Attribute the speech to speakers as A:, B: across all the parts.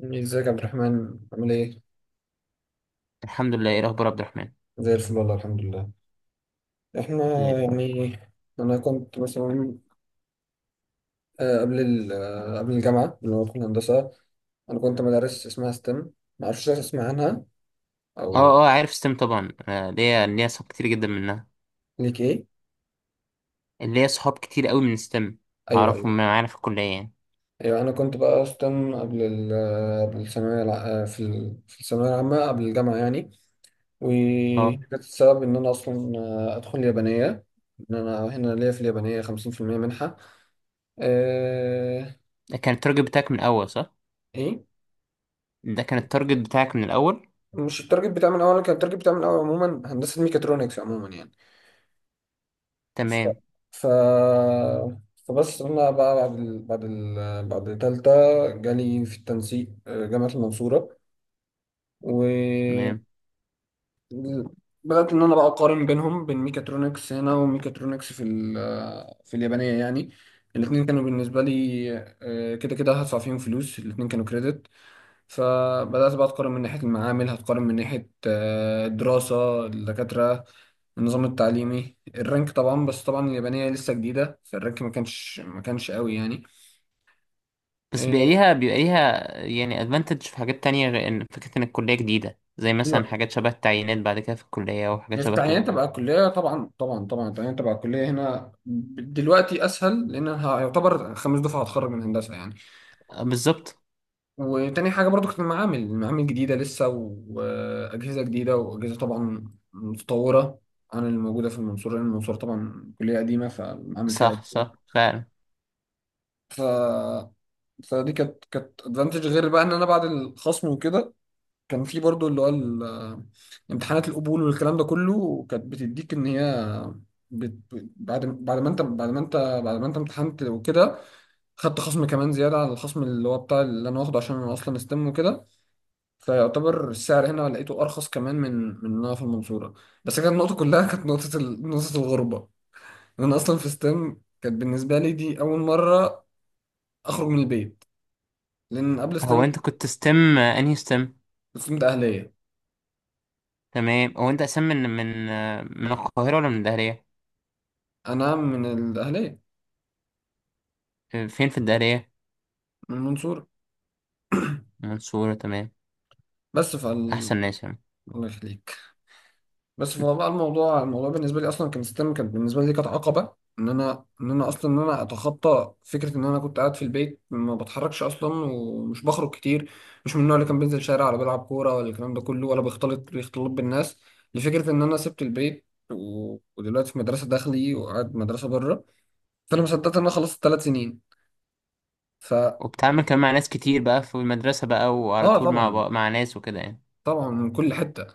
A: ازيك يا عبد الرحمن؟ عامل ايه؟
B: الحمد لله، ايه الاخبار يا عبد الرحمن؟
A: زي الفل والله، الحمد لله. احنا
B: زي الفل.
A: يعني انا كنت مثلا، آه، قبل ال- آه، قبل الجامعة اللي هو في الهندسة، انا كنت مدارس اسمها ستيم. معرفش اسمع عنها
B: اه
A: او...
B: اه عارف ستيم طبعا، ليا صحاب كتير جدا منها.
A: ليك ايه؟
B: ليا صحاب كتير قوي من ستيم،
A: ايوه، ايوه،
B: اعرفهم معانا في الكليه يعني.
A: ايوه، انا كنت بقى ستيم قبل الثانوية الع- آه، في ال- في الثانوية العامة، قبل الجامعة يعني.
B: اه،
A: وكانت السبب ان انا اصلا ادخل يابانية، ان انا هنا ليا في اليابانية 50% منحة. آه،
B: ده كان التارجت بتاعك من الاول صح؟
A: ايه؟
B: ده كان التارجت بتاعك من الاول.
A: مش التارجت بتاع من الاول. كان التارجت بتاع من الاول عموما هندسه ميكاترونكس عموما يعني. ف...
B: تمام.
A: ف... فبس انا بقى بعد تالتة جالي في التنسيق جامعه المنصوره. و...
B: تمام.
A: بدات ان انا بقى اقارن بينهم، بين ميكاترونكس هنا وميكاترونكس في اليابانيه يعني. الاثنين كانوا بالنسبه لي كده كده هدفع فيهم فلوس، الاثنين كانوا كريدت. فبدأت بقى أتقارن من ناحية المعامل، هتقارن من ناحية الدراسة، الدكاترة، النظام التعليمي، الرانك طبعا. بس طبعا اليابانية لسه جديدة فالرانك ما كانش قوي يعني.
B: بس بيبقى
A: إيه،
B: ليها بيبقى ليها يعني ادفانتج في حاجات تانية، غير ان فكره ان الكليه جديده، زي
A: ايوه،
B: مثلا حاجات شبه التعيينات بعد كده في الكليه وحاجات
A: يعني في
B: شبه كده.
A: التعيين تبع الكلية طبعا. طبعا طبعا التعيين تبع الكلية هنا دلوقتي أسهل، لأن أنا هيعتبر خمس دفعة هتخرج من هندسة يعني.
B: بالظبط.
A: وتاني حاجة برضو كانت المعامل. جديدة لسه، وأجهزة جديدة، وأجهزة طبعا متطورة عن اللي موجودة في المنصورة، لأن المنصورة طبعا كلية قديمة فالمعامل فيها
B: صح
A: جديدة.
B: صح فعلا.
A: ف... فدي كانت ادفانتج. غير بقى إن أنا بعد الخصم وكده كان في برضو اللي هو امتحانات القبول والكلام ده كله، كانت بتديك إن هي بت... بعد ما أنت امتحنت وكده، خدت خصم كمان زيادة على الخصم اللي هو بتاع اللي أنا واخده عشان أنا أصلا استم وكده. فيعتبر السعر هنا لقيته ارخص كمان من من إن انا في المنصوره. بس كانت النقطه كلها كانت نقطه الغربه، إن انا اصلا في ستيم كانت بالنسبه لي دي اول مره اخرج من البيت، لان قبل
B: هو
A: ستيم
B: انت كنت ستيم انهي ستيم؟
A: كنت ستودنت اهليه.
B: تمام. هو انت اساسا من من القاهرة ولا من الدهرية؟
A: انا من الاهليه،
B: فين في الدهرية؟
A: من المنصوره.
B: منصورة، تمام.
A: بس فال...
B: احسن ناس يعني.
A: الله يخليك. بس فهو بقى، الموضوع بالنسبه لي اصلا، كان ستيم كانت بالنسبه لي عقبه، ان انا اتخطى فكره ان انا كنت قاعد في البيت ما بتحركش اصلا ومش بخرج كتير، مش من النوع اللي كان بينزل شارع ولا بيلعب كوره ولا الكلام ده كله ولا بيختلط بالناس. لفكره ان انا سبت البيت، ودلوقتي في مدرسه داخلي وقاعد مدرسه بره. فانا ما صدقت ان انا خلصت 3 سنين. ف...
B: وبتعمل كمان مع ناس كتير بقى في المدرسة بقى، وعلى
A: اه
B: طول مع
A: طبعا.
B: بقى مع ناس وكده يعني.
A: طبعا من كل حته.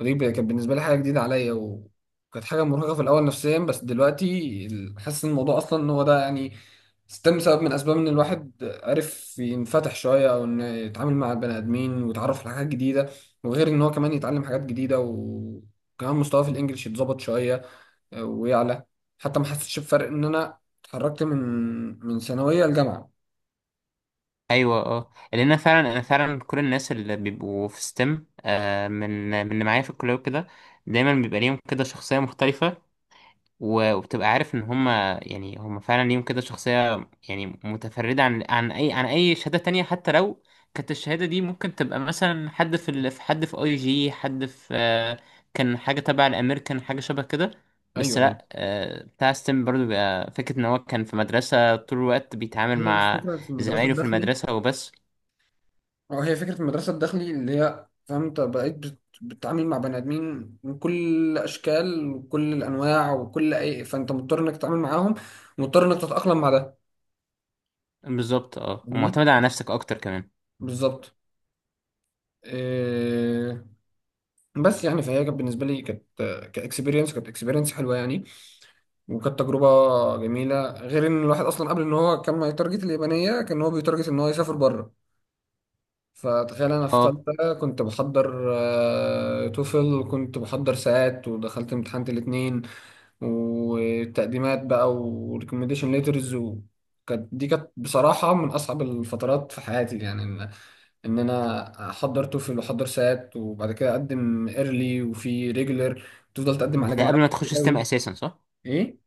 A: ودي كانت بالنسبه لي حاجه جديده عليا، وكانت حاجه مرهقه في الاول نفسيا. بس دلوقتي حاسس ان الموضوع اصلا ان هو ده يعني، ستيم سبب من اسباب ان الواحد عرف ينفتح شويه، او انه يتعامل مع البني ادمين ويتعرف على حاجات جديده. وغير ان هو كمان يتعلم حاجات جديده، وكمان مستواه في الانجليش يتظبط شويه ويعلى. حتى ما حسيتش بفرق ان انا اتحركت من ثانويه لجامعه.
B: ايوه، اه، لان انا فعلا، انا فعلا كل الناس اللي بيبقوا في ستيم، من اللي معايا في الكلية وكده، دايما بيبقى ليهم كده شخصية مختلفة. وبتبقى عارف ان هم هم فعلا ليهم كده شخصية، يعني متفردة عن عن اي شهادة تانية، حتى لو كانت الشهادة دي ممكن تبقى مثلا في حد في اي جي، حد في كان حاجة تبع الامريكان، حاجة شبه كده. بس
A: ايوه، ايوه،
B: لا، بتاع ستيم برضو بيبقى فكرة ان هو كان في مدرسة طول الوقت بيتعامل
A: هي
B: مع
A: الفكره في المدرسه
B: زمايله في
A: الداخلي.
B: المدرسة وبس.
A: اه، هي فكرة المدرسة الداخلي اللي هي، فاهم، انت بقيت بتتعامل مع بني آدمين من كل الأشكال وكل الأنواع وكل أي، فأنت مضطر إنك تتعامل معاهم، مضطر إنك تتأقلم مع ده.
B: بالظبط، اه،
A: فاهمني؟
B: ومعتمد على نفسك اكتر كمان.
A: بالظبط. إيه. بس يعني، فهي كانت بالنسبة لي، كإكسبيرينس، كانت إكسبيرينس حلوة يعني، وكانت تجربة جميلة. غير إن الواحد أصلا قبل إن هو كان ما يتارجت اليابانية، كان هو بيتارجت إن هو يسافر بره. فتخيل انا في
B: اه،
A: ثالثه كنت بحضر توفل وكنت بحضر ساعات ودخلت امتحان الاثنين وتقديمات بقى وريكومنديشن ليترز. وكانت دي كانت بصراحه من اصعب الفترات في حياتي يعني، ان انا احضر توفل واحضر ساعات وبعد كده اقدم ايرلي وفي ريجولر، تفضل تقدم على
B: ده قبل
A: جامعات
B: ما تخش
A: كتير
B: ستيم
A: قوي.
B: اساسا صح؟
A: ايه؟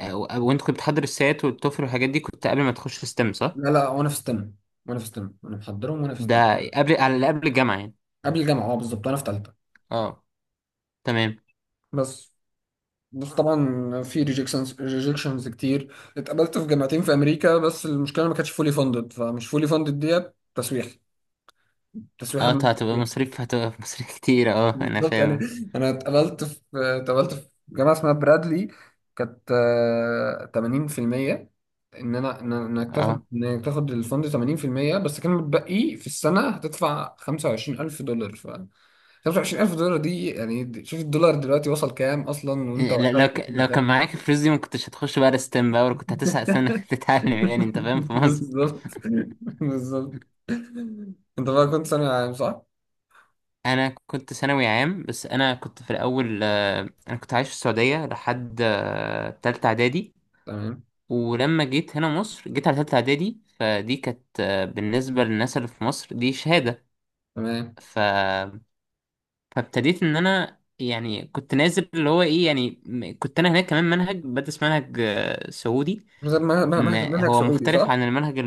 B: وانت كنت بتحضر السات والتوفل والحاجات دي كنت قبل ما تخش ستيم صح؟
A: لا، لا، وانا في ستم، وانا محضرهم وانا في ستم.
B: ده قبل، على قبل الجامعة يعني.
A: قبل الجامعه، اه، بالظبط، وانا في ثالثه.
B: اه، تمام.
A: بس. بس طبعا في ريجكشنز كتير. اتقبلت في جامعتين في امريكا بس المشكله ما كانتش فولي فاندد. فمش فولي فاندد ديت تسويح، تسويح
B: اه،
A: بمعنى
B: هتبقى
A: الكلمة.
B: مصاريف، هتبقى مصاريف كتير، اه انا
A: بالظبط. انا.
B: فاهم.
A: انا اتقبلت في جامعه اسمها برادلي، كانت 80%. ان انا، انك تاخد،
B: اه،
A: الفند 80%. بس كان متبقي في السنه هتدفع 25,000 دولار. ف... 25,000 دولار دي، يعني شوف الدولار دلوقتي وصل كام اصلا وانت وقتها.
B: لو كان معاك الفلوس دي ما كنتش هتخش بقى ستيم بقى، ولا كنت هتسعى سنة تتعلم يعني انت فاهم في مصر.
A: بالظبط. بالظبط. انت بقى كنت ثانوي عام صح؟
B: انا كنت ثانوي عام، بس انا كنت في الاول انا كنت عايش في السعودية لحد تالتة اعدادي.
A: تمام.
B: ولما جيت هنا مصر، جيت على تالتة اعدادي، فدي كانت بالنسبة للناس اللي في مصر دي شهادة.
A: تمام.
B: ف... فابتديت ان انا يعني كنت نازل اللي هو ايه يعني، كنت انا هناك كمان منهج، بدرس منهج سعودي.
A: طب ما- ما-
B: م-
A: ما- منهج
B: هو
A: سعودي
B: مختلف
A: صح؟
B: عن المنهج.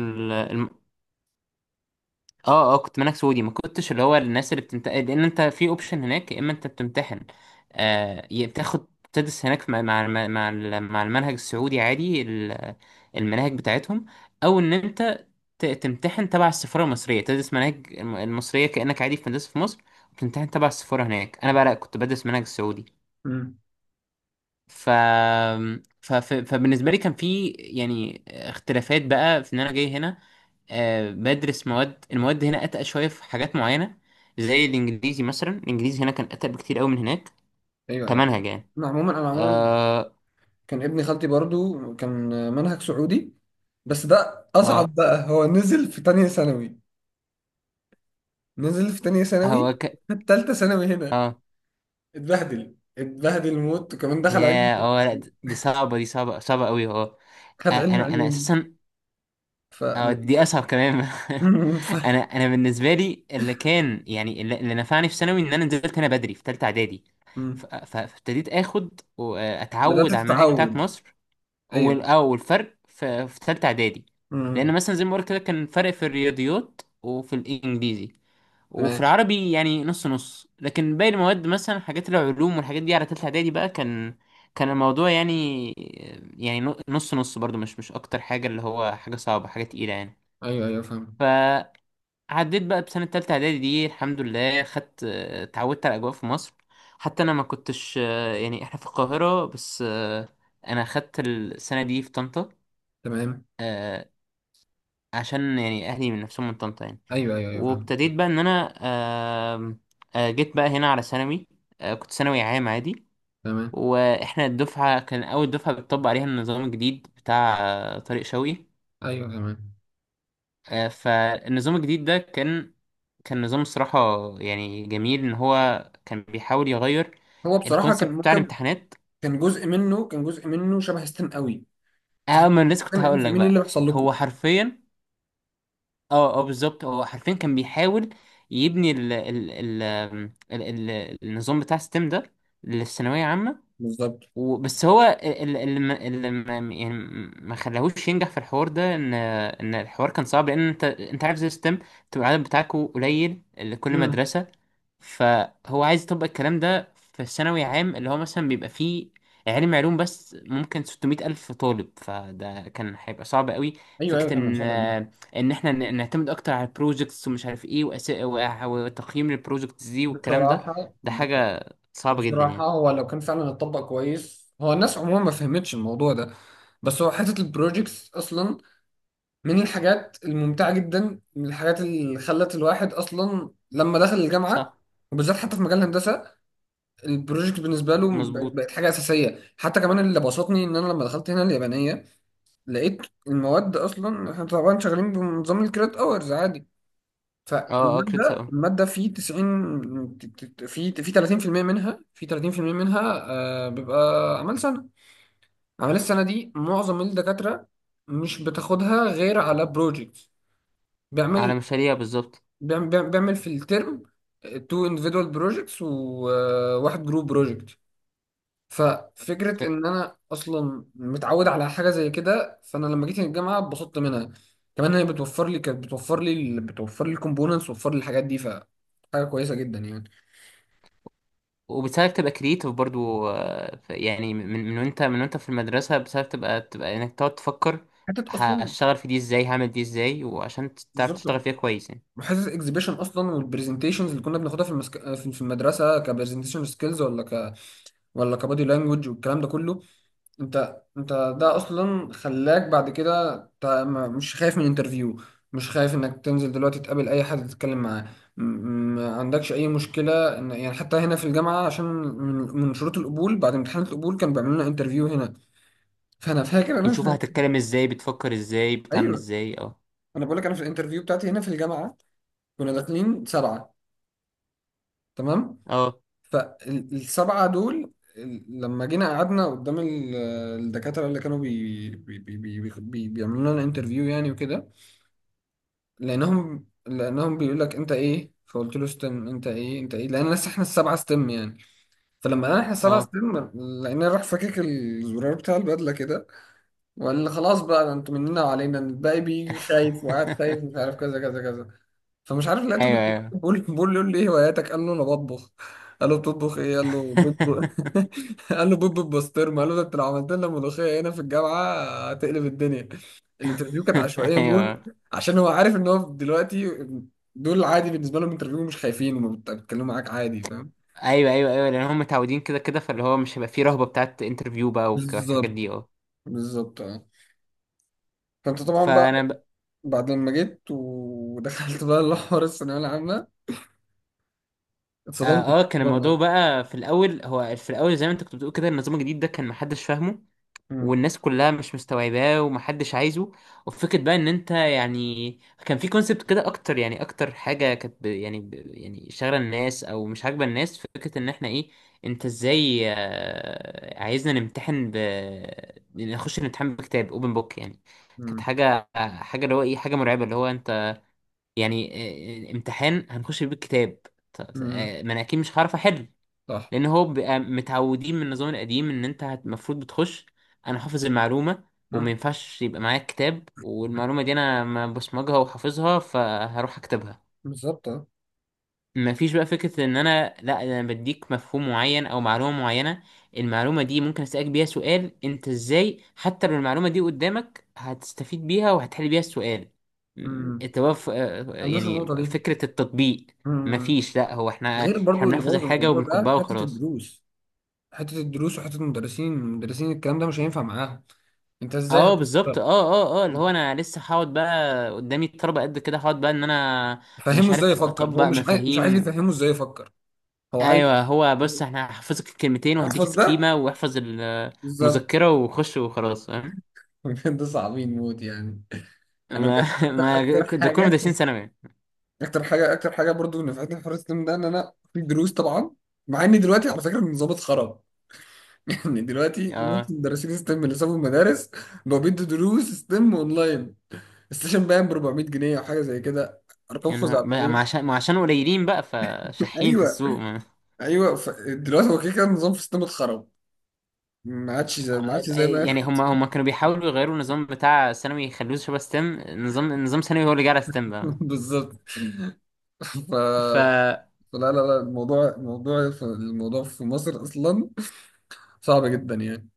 B: اه كنت منك سعودي، ما كنتش اللي هو الناس اللي بتمتحن، لان انت في اوبشن هناك، يا اما انت بتمتحن، آه، يا بتاخد تدرس هناك مع مع مع المنهج السعودي عادي، المناهج بتاعتهم، او ان انت تمتحن تبع السفاره المصريه، تدرس مناهج المصريه كانك عادي في مدرسه في مصر، وتمتحن تبع السفاره هناك. انا بقى لا، كنت بدرس منهج السعودي.
A: امم.
B: ف... فبالنسبة لي كان في يعني اختلافات بقى، في ان انا جاي هنا آه بدرس مواد، المواد هنا اتقل شوية في حاجات معينة، زي الانجليزي مثلا، الانجليزي هنا كان اتقل بكتير قوي من هناك
A: ايوه، ايوه.
B: كمنهج يعني.
A: انا عموما. انا عموما
B: اه
A: كان ابن خالتي برضو كان منهج سعودي. بس ده
B: اه
A: اصعب بقى، هو نزل في تانية ثانوي. نزل في تانية ثانوي
B: هو ك...
A: في تالتة ثانوي هنا.
B: اه،
A: اتبهدل موت، وكمان دخل علم.
B: يا اه، لا دي صعبة، دي صعبة، صعبة قوي اه.
A: خد علم
B: انا
A: علوم.
B: اساسا
A: ف...
B: اه دي اصعب كمان.
A: ف-
B: انا، انا بالنسبه لي اللي كان يعني، اللي نفعني في ثانوي ان انا نزلت هنا بدري في ثالثه اعدادي. فابتديت اخد
A: بدأت
B: واتعود على المناهج بتاعت
A: تتعود.
B: مصر.
A: ايوه.
B: اه، والفرق في في ثالثه اعدادي، لان
A: مم.
B: مثلا زي ما قلت كده كان فرق في الرياضيات وفي الانجليزي وفي
A: تمام.
B: العربي يعني نص نص، لكن باقي المواد مثلا حاجات العلوم والحاجات دي على ثالثه اعدادي بقى، كان كان الموضوع يعني، يعني نص نص برضو، مش مش اكتر حاجه، اللي هو حاجه صعبه، حاجه تقيله يعني.
A: ايوه، ايوه، فاهم.
B: فعديت بقى بسنة تالتة إعدادي دي، الحمد لله خدت، اتعودت على الأجواء في مصر. حتى أنا ما كنتش يعني إحنا في القاهرة بس، أنا خدت السنة دي في طنطا،
A: تمام.
B: آه، عشان يعني أهلي من نفسهم من طنطا يعني.
A: ايوه، ايوه، ايوه، فاهم.
B: وابتديت بقى إن أنا، آم، جيت بقى هنا على ثانوي، كنت ثانوي عام عادي.
A: تمام.
B: وإحنا الدفعة كان أول دفعة بتطبق عليها النظام الجديد بتاع طارق شوقي.
A: ايوه. تمام.
B: فالنظام الجديد ده كان كان نظام الصراحة، يعني جميل إن هو كان بيحاول يغير
A: هو بصراحه
B: الكونسيبت
A: كان
B: بتاع
A: ممكن،
B: الامتحانات.
A: كان جزء منه شبه ستيم قوي.
B: اه،
A: فاحنا
B: ما أنا لسه كنت
A: احنا
B: هقول لك
A: فاهمين ايه
B: بقى.
A: اللي بيحصل لكم.
B: هو حرفيا، اه اه بالظبط، هو حرفيا كان بيحاول يبني ال النظام بتاع الستيم ده للثانوية عامة.
A: بالظبط.
B: بس هو اللي اللي ما خلاهوش ينجح في الحوار ده، ان الحوار كان صعب، لان انت عارف زي الستيم تبقى العدد بتاعكوا قليل لكل
A: امم.
B: مدرسة. فهو عايز يطبق الكلام ده في ثانوي عام اللي هو مثلا بيبقى فيه علم علوم، بس ممكن 600 ألف طالب، فده كان هيبقى صعب قوي.
A: ايوه، ايوه،
B: فكرة
A: تمام.
B: إن
A: اتفضل يا جماعة.
B: إحنا نعتمد أكتر على البروجكتس ومش عارف إيه، وتقييم البروجكتس دي والكلام ده،
A: بصراحه.
B: ده حاجة صعبة جدا
A: بصراحه
B: يعني.
A: هو لو كان فعلا اتطبق كويس، هو الناس عموما ما فهمتش الموضوع ده. بس هو حته البروجيكتس اصلا من الحاجات الممتعه جدا، من الحاجات اللي خلت الواحد اصلا لما دخل الجامعه،
B: صح،
A: وبالذات حتى في مجال الهندسه البروجكت بالنسبه له بقت
B: مظبوط.
A: بقت حاجه اساسيه. حتى كمان اللي بسطني ان انا لما دخلت هنا اليابانيه لقيت المواد اصلا، احنا طبعا شغالين بنظام الكريدت اورز عادي،
B: أه كريت،
A: فالماده. في 90، في في 30% منها، بيبقى اعمال سنه. اعمال السنه دي معظم الدكاتره مش بتاخدها غير على بروجكت.
B: على
A: بيعمل.
B: مشاريع بالظبط.
A: بيعمل في الترم تو individual projects وواحد جروب بروجكت. ففكرة إن أنا أصلا متعود على حاجة زي كده، فأنا لما جيت الجامعة اتبسطت منها. كمان هي بتوفر لي، كانت بتوفر لي ال- بتوفر لي الكومبوننتس وتوفر لي الحاجات دي، فحاجة كويسة جدا يعني.
B: وبتساعدك تبقى كرييتيف برضو، يعني من وانت في المدرسة بتساعدك تبقى انك تقعد تفكر
A: حتة أصلا،
B: هشتغل في دي ازاي، هعمل دي ازاي، وعشان تعرف تشتغل
A: بالظبط.
B: فيها كويس يعني.
A: وحته الاكزيبيشن اصلا والبرزنتيشنز اللي كنا بناخدها في المسك... في في المدرسه كبرزنتيشن سكيلز، ولا ك... ولا كبادي لانجوج، والكلام ده كله. انت، ده اصلا خلاك بعد كده انت مش خايف من انترفيو، مش خايف انك تنزل دلوقتي تقابل اي حد تتكلم معاه. م- ما عندكش اي مشكله، ان يعني حتى هنا في الجامعه، عشان من شروط القبول بعد امتحان القبول كانوا بيعملوا لنا انترفيو هنا. فانا فاكر انا في
B: نشوف
A: الانترفيو.
B: هتتكلم ازاي، بتفكر ازاي، بتعمل
A: ايوه.
B: ازاي، اه.
A: انا بقول لك، انا في الانترفيو بتاعتي هنا في الجامعه كنا داخلين سبعه. تمام.
B: اه
A: فالسبعه دول، لما جينا قعدنا قدام الدكاتره اللي كانوا بي بي بي بي بي بيعملوا لنا انترفيو يعني وكده. لانهم بيقول لك انت ايه، فقلت له ستيم. انت ايه، انت ايه، لان لسه احنا السبعه ستيم يعني. فلما قال احنا السبعه
B: اه
A: ستيم، لان راح فكك الزرار بتاع البدله كده، وقال لي خلاص بقى ده انتوا مننا وعلينا الباقي، بيجي خايف وقاعد خايف مش عارف كذا كذا كذا. فمش عارف، لقيته
B: ايوه
A: بيقول
B: ايوه.
A: بقول بقول له ايه هواياتك، قال له انا بطبخ. قال له بتطبخ ايه، قال له بيض. قال له بيض بالبسطرمه، قال له ده انت لو عملت لنا ملوخيه هنا في الجامعه هتقلب الدنيا. الانترفيو كانت
B: ايوه
A: عشوائيه موت،
B: ايوه
A: عشان هو عارف ان هو دلوقتي دول عادي بالنسبه لهم انترفيو، مش خايفين بيتكلموا معاك عادي. فاهم.
B: ايوه لان هم متعودين كده كده، فاللي هو مش هيبقى فيه رهبة بتاعت انترفيو بقى والحاجات
A: بالظبط،
B: دي اه.
A: بالظبط، اه. فانت طبعا بقى
B: فانا
A: بعد لما جيت ودخلت بقى الحوار الثانويه العامه اتصدمت
B: اه، كان
A: بالنظام.
B: الموضوع
A: اه.
B: بقى في الاول، هو في الاول زي ما انت كنت بتقول كده، النظام الجديد ده كان محدش فاهمه،
A: مم.
B: والناس كلها مش مستوعباه، ومحدش عايزه. وفكرة بقى ان انت يعني، كان في كونسبت كده اكتر، يعني اكتر حاجة كانت يعني يعني شاغلة الناس او مش عاجبة الناس، فكرة ان احنا ايه، انت ازاي عايزنا نمتحن نخش الامتحان بكتاب اوبن بوك يعني. كانت
A: مم.
B: حاجة، حاجة اللي هو ايه، حاجة مرعبة، اللي هو انت يعني، امتحان هنخش بيه الكتاب؟
A: مم.
B: ما انا اكيد مش هعرف احل،
A: صح.
B: لان هو بيبقى متعودين من النظام القديم ان انت المفروض بتخش انا حافظ المعلومه، وما
A: مم.
B: ينفعش يبقى معايا كتاب والمعلومه دي انا ما بصمجها وحافظها فهروح اكتبها.
A: بالظبط. آه.
B: مفيش بقى فكرة ان انا لا انا بديك مفهوم معين او معلومة معينة، المعلومة دي ممكن اسألك بيها سؤال انت ازاي حتى لو المعلومة دي قدامك هتستفيد بيها وهتحل بيها السؤال. م،
A: امم.
B: التوف آه،
A: عندوش
B: يعني
A: النقطة دي.
B: فكرة التطبيق.
A: امم.
B: مفيش، لا هو احنا،
A: غير
B: احنا
A: برضو اللي
B: بنحفظ
A: بوظ
B: الحاجة
A: الموضوع ده
B: وبنكبها
A: حتة
B: وخلاص.
A: الدروس. وحتة المدرسين. الكلام ده مش هينفع معاهم. انت ازاي
B: اه
A: هتفكر؟
B: بالظبط، اه اللي هو
A: انت
B: انا لسه هقعد بقى قدامي الطلبة قد كده، هقعد بقى ان انا
A: فهمه
B: مش
A: ازاي
B: عارف
A: يفكر؟ هو
B: اطبق
A: مش عايز،
B: مفاهيم.
A: يفهمه ازاي يفكر. هو عايز
B: ايوه، هو بص، احنا هحفظك الكلمتين وهديك
A: احفظ ده.
B: سكيمه، واحفظ
A: بالظبط.
B: المذكره وخش وخلاص فاهم.
A: بجد صعبين موت يعني. انا
B: ما
A: بجد اكتر،
B: ما
A: أكتر
B: ده كل مدرسين
A: حاجة
B: ثانوي
A: اكتر حاجة اكتر حاجة برضو نفعتني في حوار السلم ده ان انا في دروس طبعا. مع اني دلوقتي على فكرة النظام اتخرب، ان دلوقتي نص
B: اه.
A: مدرسين ستيم اللي سابوا المدارس بقوا بيدوا دروس ستيم اونلاين. السيشن باين ب 400 جنيه او حاجه زي كده، ارقام
B: يعني ما ما
A: خزعبليه.
B: عشان ما عشان قليلين بقى، فشحين في
A: ايوه.
B: السوق ما.
A: ايوه. دلوقتي هو كده كده النظام في ستيم اتخرب، ما عادش زي ما
B: يعني
A: كان.
B: هم، هم كانوا بيحاولوا يغيروا النظام بتاع ثانوي يخلوه شبه ستيم، نظام، نظام ثانوي هو اللي جه على ستيم بقى.
A: بالظبط.
B: ف
A: ف... فلا لا لا الموضوع، الموضوع في مصر اصلا صعب جدا يعني.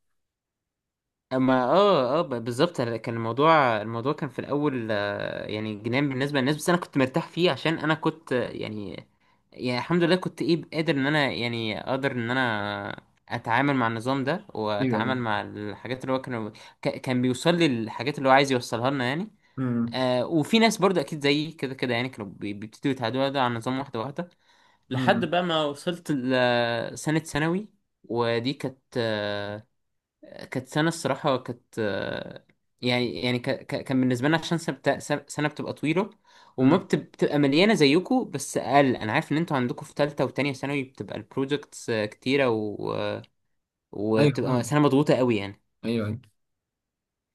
B: اما بالظبط، كان الموضوع كان في الاول، يعني جنان بالنسبه للناس، بس انا كنت مرتاح فيه عشان انا كنت يعني الحمد لله كنت ايه، قادر ان انا يعني اقدر ان انا اتعامل مع النظام ده
A: ايوه،
B: واتعامل
A: ايوه.
B: مع الحاجات اللي هو كان، كان بيوصل لي الحاجات اللي هو عايز يوصلها لنا يعني.
A: امم.
B: آه، وفي ناس برضه اكيد زيي كده كده يعني كانوا بيبتدوا يتعودوا ده على النظام واحده واحده، لحد
A: امم.
B: بقى ما وصلت لسنه ثانوي. ودي كانت، كانت سنة الصراحة، كانت يعني كان بالنسبة لنا، عشان سنة سنة بتبقى طويلة،
A: أمم.
B: بتبقى مليانة زيكو، بس أقل، أنا عارف إن أنتوا عندكم في تالتة وتانية ثانوي بتبقى البروجكتس كتيرة و... آه،
A: ايوه،
B: وبتبقى
A: فاهم.
B: سنة مضغوطة قوي يعني.
A: ايوه، ايوه.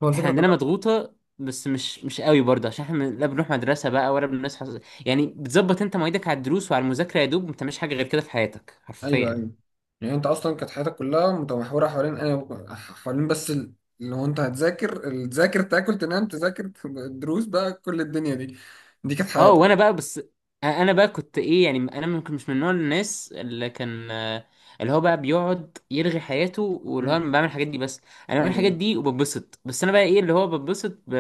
A: هو
B: إحنا
A: الفكره
B: عندنا
A: كلها.
B: مضغوطة بس مش، مش قوي برضه، عشان احنا لا بنروح مدرسة بقى ولا بنصحى، يعني بتظبط انت مواعيدك على الدروس وعلى المذاكرة، يا دوب ما بتعملش حاجة غير كده في حياتك حرفيا
A: ايوه،
B: يعني.
A: ايوه. يعني انت اصلا كانت حياتك كلها متمحوره حوالين اللي هو انت هتذاكر، تذاكر، تاكل، تنام، تذاكر الدروس بقى، كل الدنيا دي دي كانت
B: اه، وانا
A: حياتك.
B: بقى بس انا بقى كنت ايه يعني، انا ممكن مش من نوع الناس اللي كان اللي هو بقى بيقعد يرغي حياته، واللي هو
A: مم.
B: انا بعمل الحاجات دي بس، انا بعمل
A: ايوه،
B: الحاجات دي وببسط. بس انا بقى ايه، اللي هو ببسط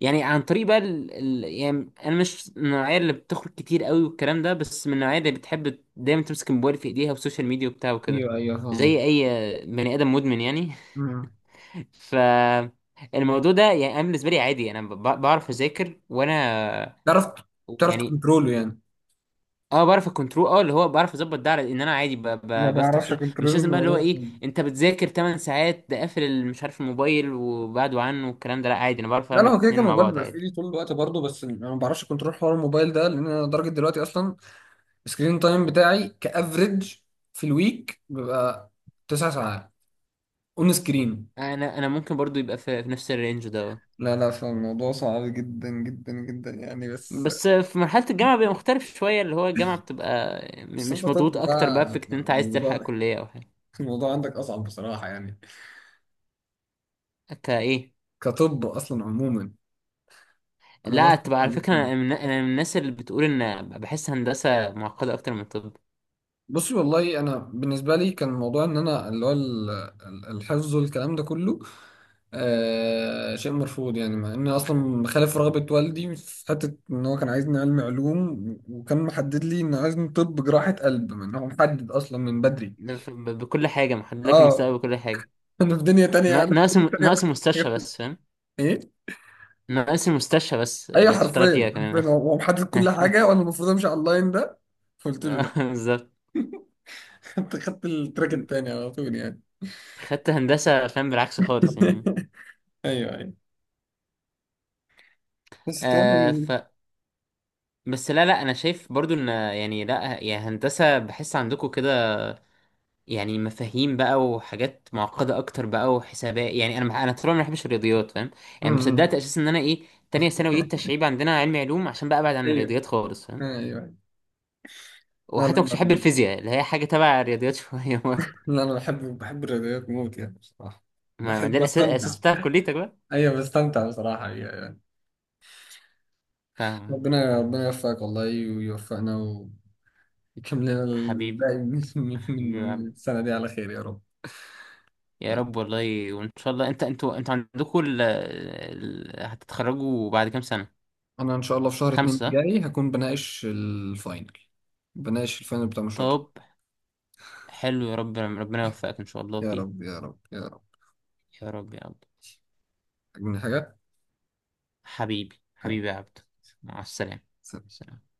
B: يعني عن طريق بقى يعني انا مش من النوعيه اللي بتخرج كتير قوي والكلام ده، بس من النوعيه اللي بتحب دايما تمسك الموبايل في ايديها والسوشيال ميديا وبتاع وكده،
A: ايوه، ايوه،
B: زي
A: فاهم.
B: اي بني ادم مدمن يعني.
A: مم.
B: ف الموضوع ده يعني انا بالنسبه لي عادي، انا بعرف اذاكر وانا
A: تعرف،
B: يعني،
A: تكنترول يعني.
B: اه بعرف الكنترول، اه اللي هو بعرف اظبط ده على ان انا عادي
A: ما
B: بفتح
A: بعرفش
B: سوشيال،
A: اكنترول
B: مش لازم بقى اللي هو
A: الموضوع
B: ايه
A: خالص.
B: انت بتذاكر 8 ساعات ده قافل مش عارف الموبايل وبعده عنه والكلام ده، لا عادي انا بعرف
A: لا، لا،
B: اعمل
A: هو كده كان
B: اتنين مع
A: الموبايل
B: بعض
A: بيبقى في
B: عادي.
A: ايدي طول الوقت برضه. بس انا ما بعرفش اكنترول حوار الموبايل ده، لان انا لدرجه دلوقتي اصلا السكرين تايم بتاعي كافريج، في الويك بيبقى 9 ساعات اون سكرين.
B: انا، انا ممكن برضو يبقى في, في نفس الرينج ده اه.
A: لا، لا، فالموضوع صعب جدا جدا جدا يعني. بس.
B: بس في مرحلة الجامعة بيبقى مختلف شوية، اللي هو الجامعة بتبقى
A: بس انت
B: مش مضغوط
A: طب
B: اكتر
A: بقى
B: بقى فكرة ان انت عايز تلحق
A: الموضوع،
B: كلية او حاجة.
A: عندك اصعب بصراحة يعني،
B: كايه؟
A: كطب اصلا عموما. انا
B: لا
A: برضه.
B: تبقى على فكرة انا من، انا من الناس اللي بتقول ان بحس هندسة معقدة اكتر من طب.
A: بصي. والله انا بالنسبة لي كان الموضوع ان انا اللي هو الحفظ والكلام ده كله، شيء مرفوض يعني. مع اني اصلا خالف رغبة والدي في حتة ان هو كان عايزني علمي علوم، وكان محدد لي انه عايزني طب جراحة قلب، من هو محدد اصلا من بدري.
B: ده بكل حاجة محدد لك
A: اه.
B: المستقبل، بكل حاجة.
A: انا في دنيا تانية. انا في
B: ناقص
A: دنيا
B: ناقص
A: تانية.
B: مستشفى بس فاهم.
A: ايه.
B: ناقص مستشفى بس
A: ايوه،
B: اللي هتشتغل
A: حرفيا،
B: فيها
A: حرفيا،
B: كمان.
A: هو محدد كل حاجه وانا المفروض امشي على اللاين ده. فقلت له لا.
B: بالظبط.
A: خدت التراك التاني على طول يعني.
B: خدت هندسة فاهم، بالعكس خالص يعني.
A: ايوه، ايوه. بس
B: آه ف
A: تمام.
B: بس لا لا، انا شايف برضو ان، يعني لا، يا هندسة بحس عندكم كده، يعني مفاهيم بقى وحاجات معقدة اكتر بقى وحسابات، يعني انا انا طول عمري ما بحبش الرياضيات فاهم، يعني ما صدقت
A: أمم.
B: اساسا ان انا ايه، تانية ثانوي دي التشعيب عندنا علمي علوم عشان بقى ابعد عن
A: ايوه،
B: الرياضيات خالص فاهم.
A: ايوه. لا، لا،
B: وحتى ما كنتش بحب
A: لا،
B: الفيزياء اللي هي حاجة تبع الرياضيات شوية.
A: لا، انا بحب، بحب الرياضيات موت يعني بصراحه.
B: ما ما
A: بحب،
B: ده الأساس،
A: بستمتع.
B: الأساس بتاع كليتك بقى.
A: ايوه، بستمتع بصراحه. أيوة. أيوة.
B: فاهم.
A: ربنا، يوفقك والله، ويوفقنا، ويكمل لنا
B: حبيبي،
A: الباقي من من
B: حبيبي يا
A: من
B: عبد.
A: السنه دي على خير يا رب.
B: يا رب والله، وإن شاء الله أنت أنتوا، أنتوا عندكوا هتتخرجوا بعد كام سنة؟
A: انا ان شاء الله في شهر اتنين
B: خمسة،
A: الجاي هكون بناقش الفاينل، بناقش الفاينل بتاع مشروع التخرج.
B: طب حلو، يا رب ربنا يوفقك إن شاء الله
A: يا
B: فيه.
A: رب، يا رب، يا رب.
B: يا رب يا عبد.
A: عاجبني حاجة.
B: حبيبي، حبيبي يا عبد. مع السلامة. سلام.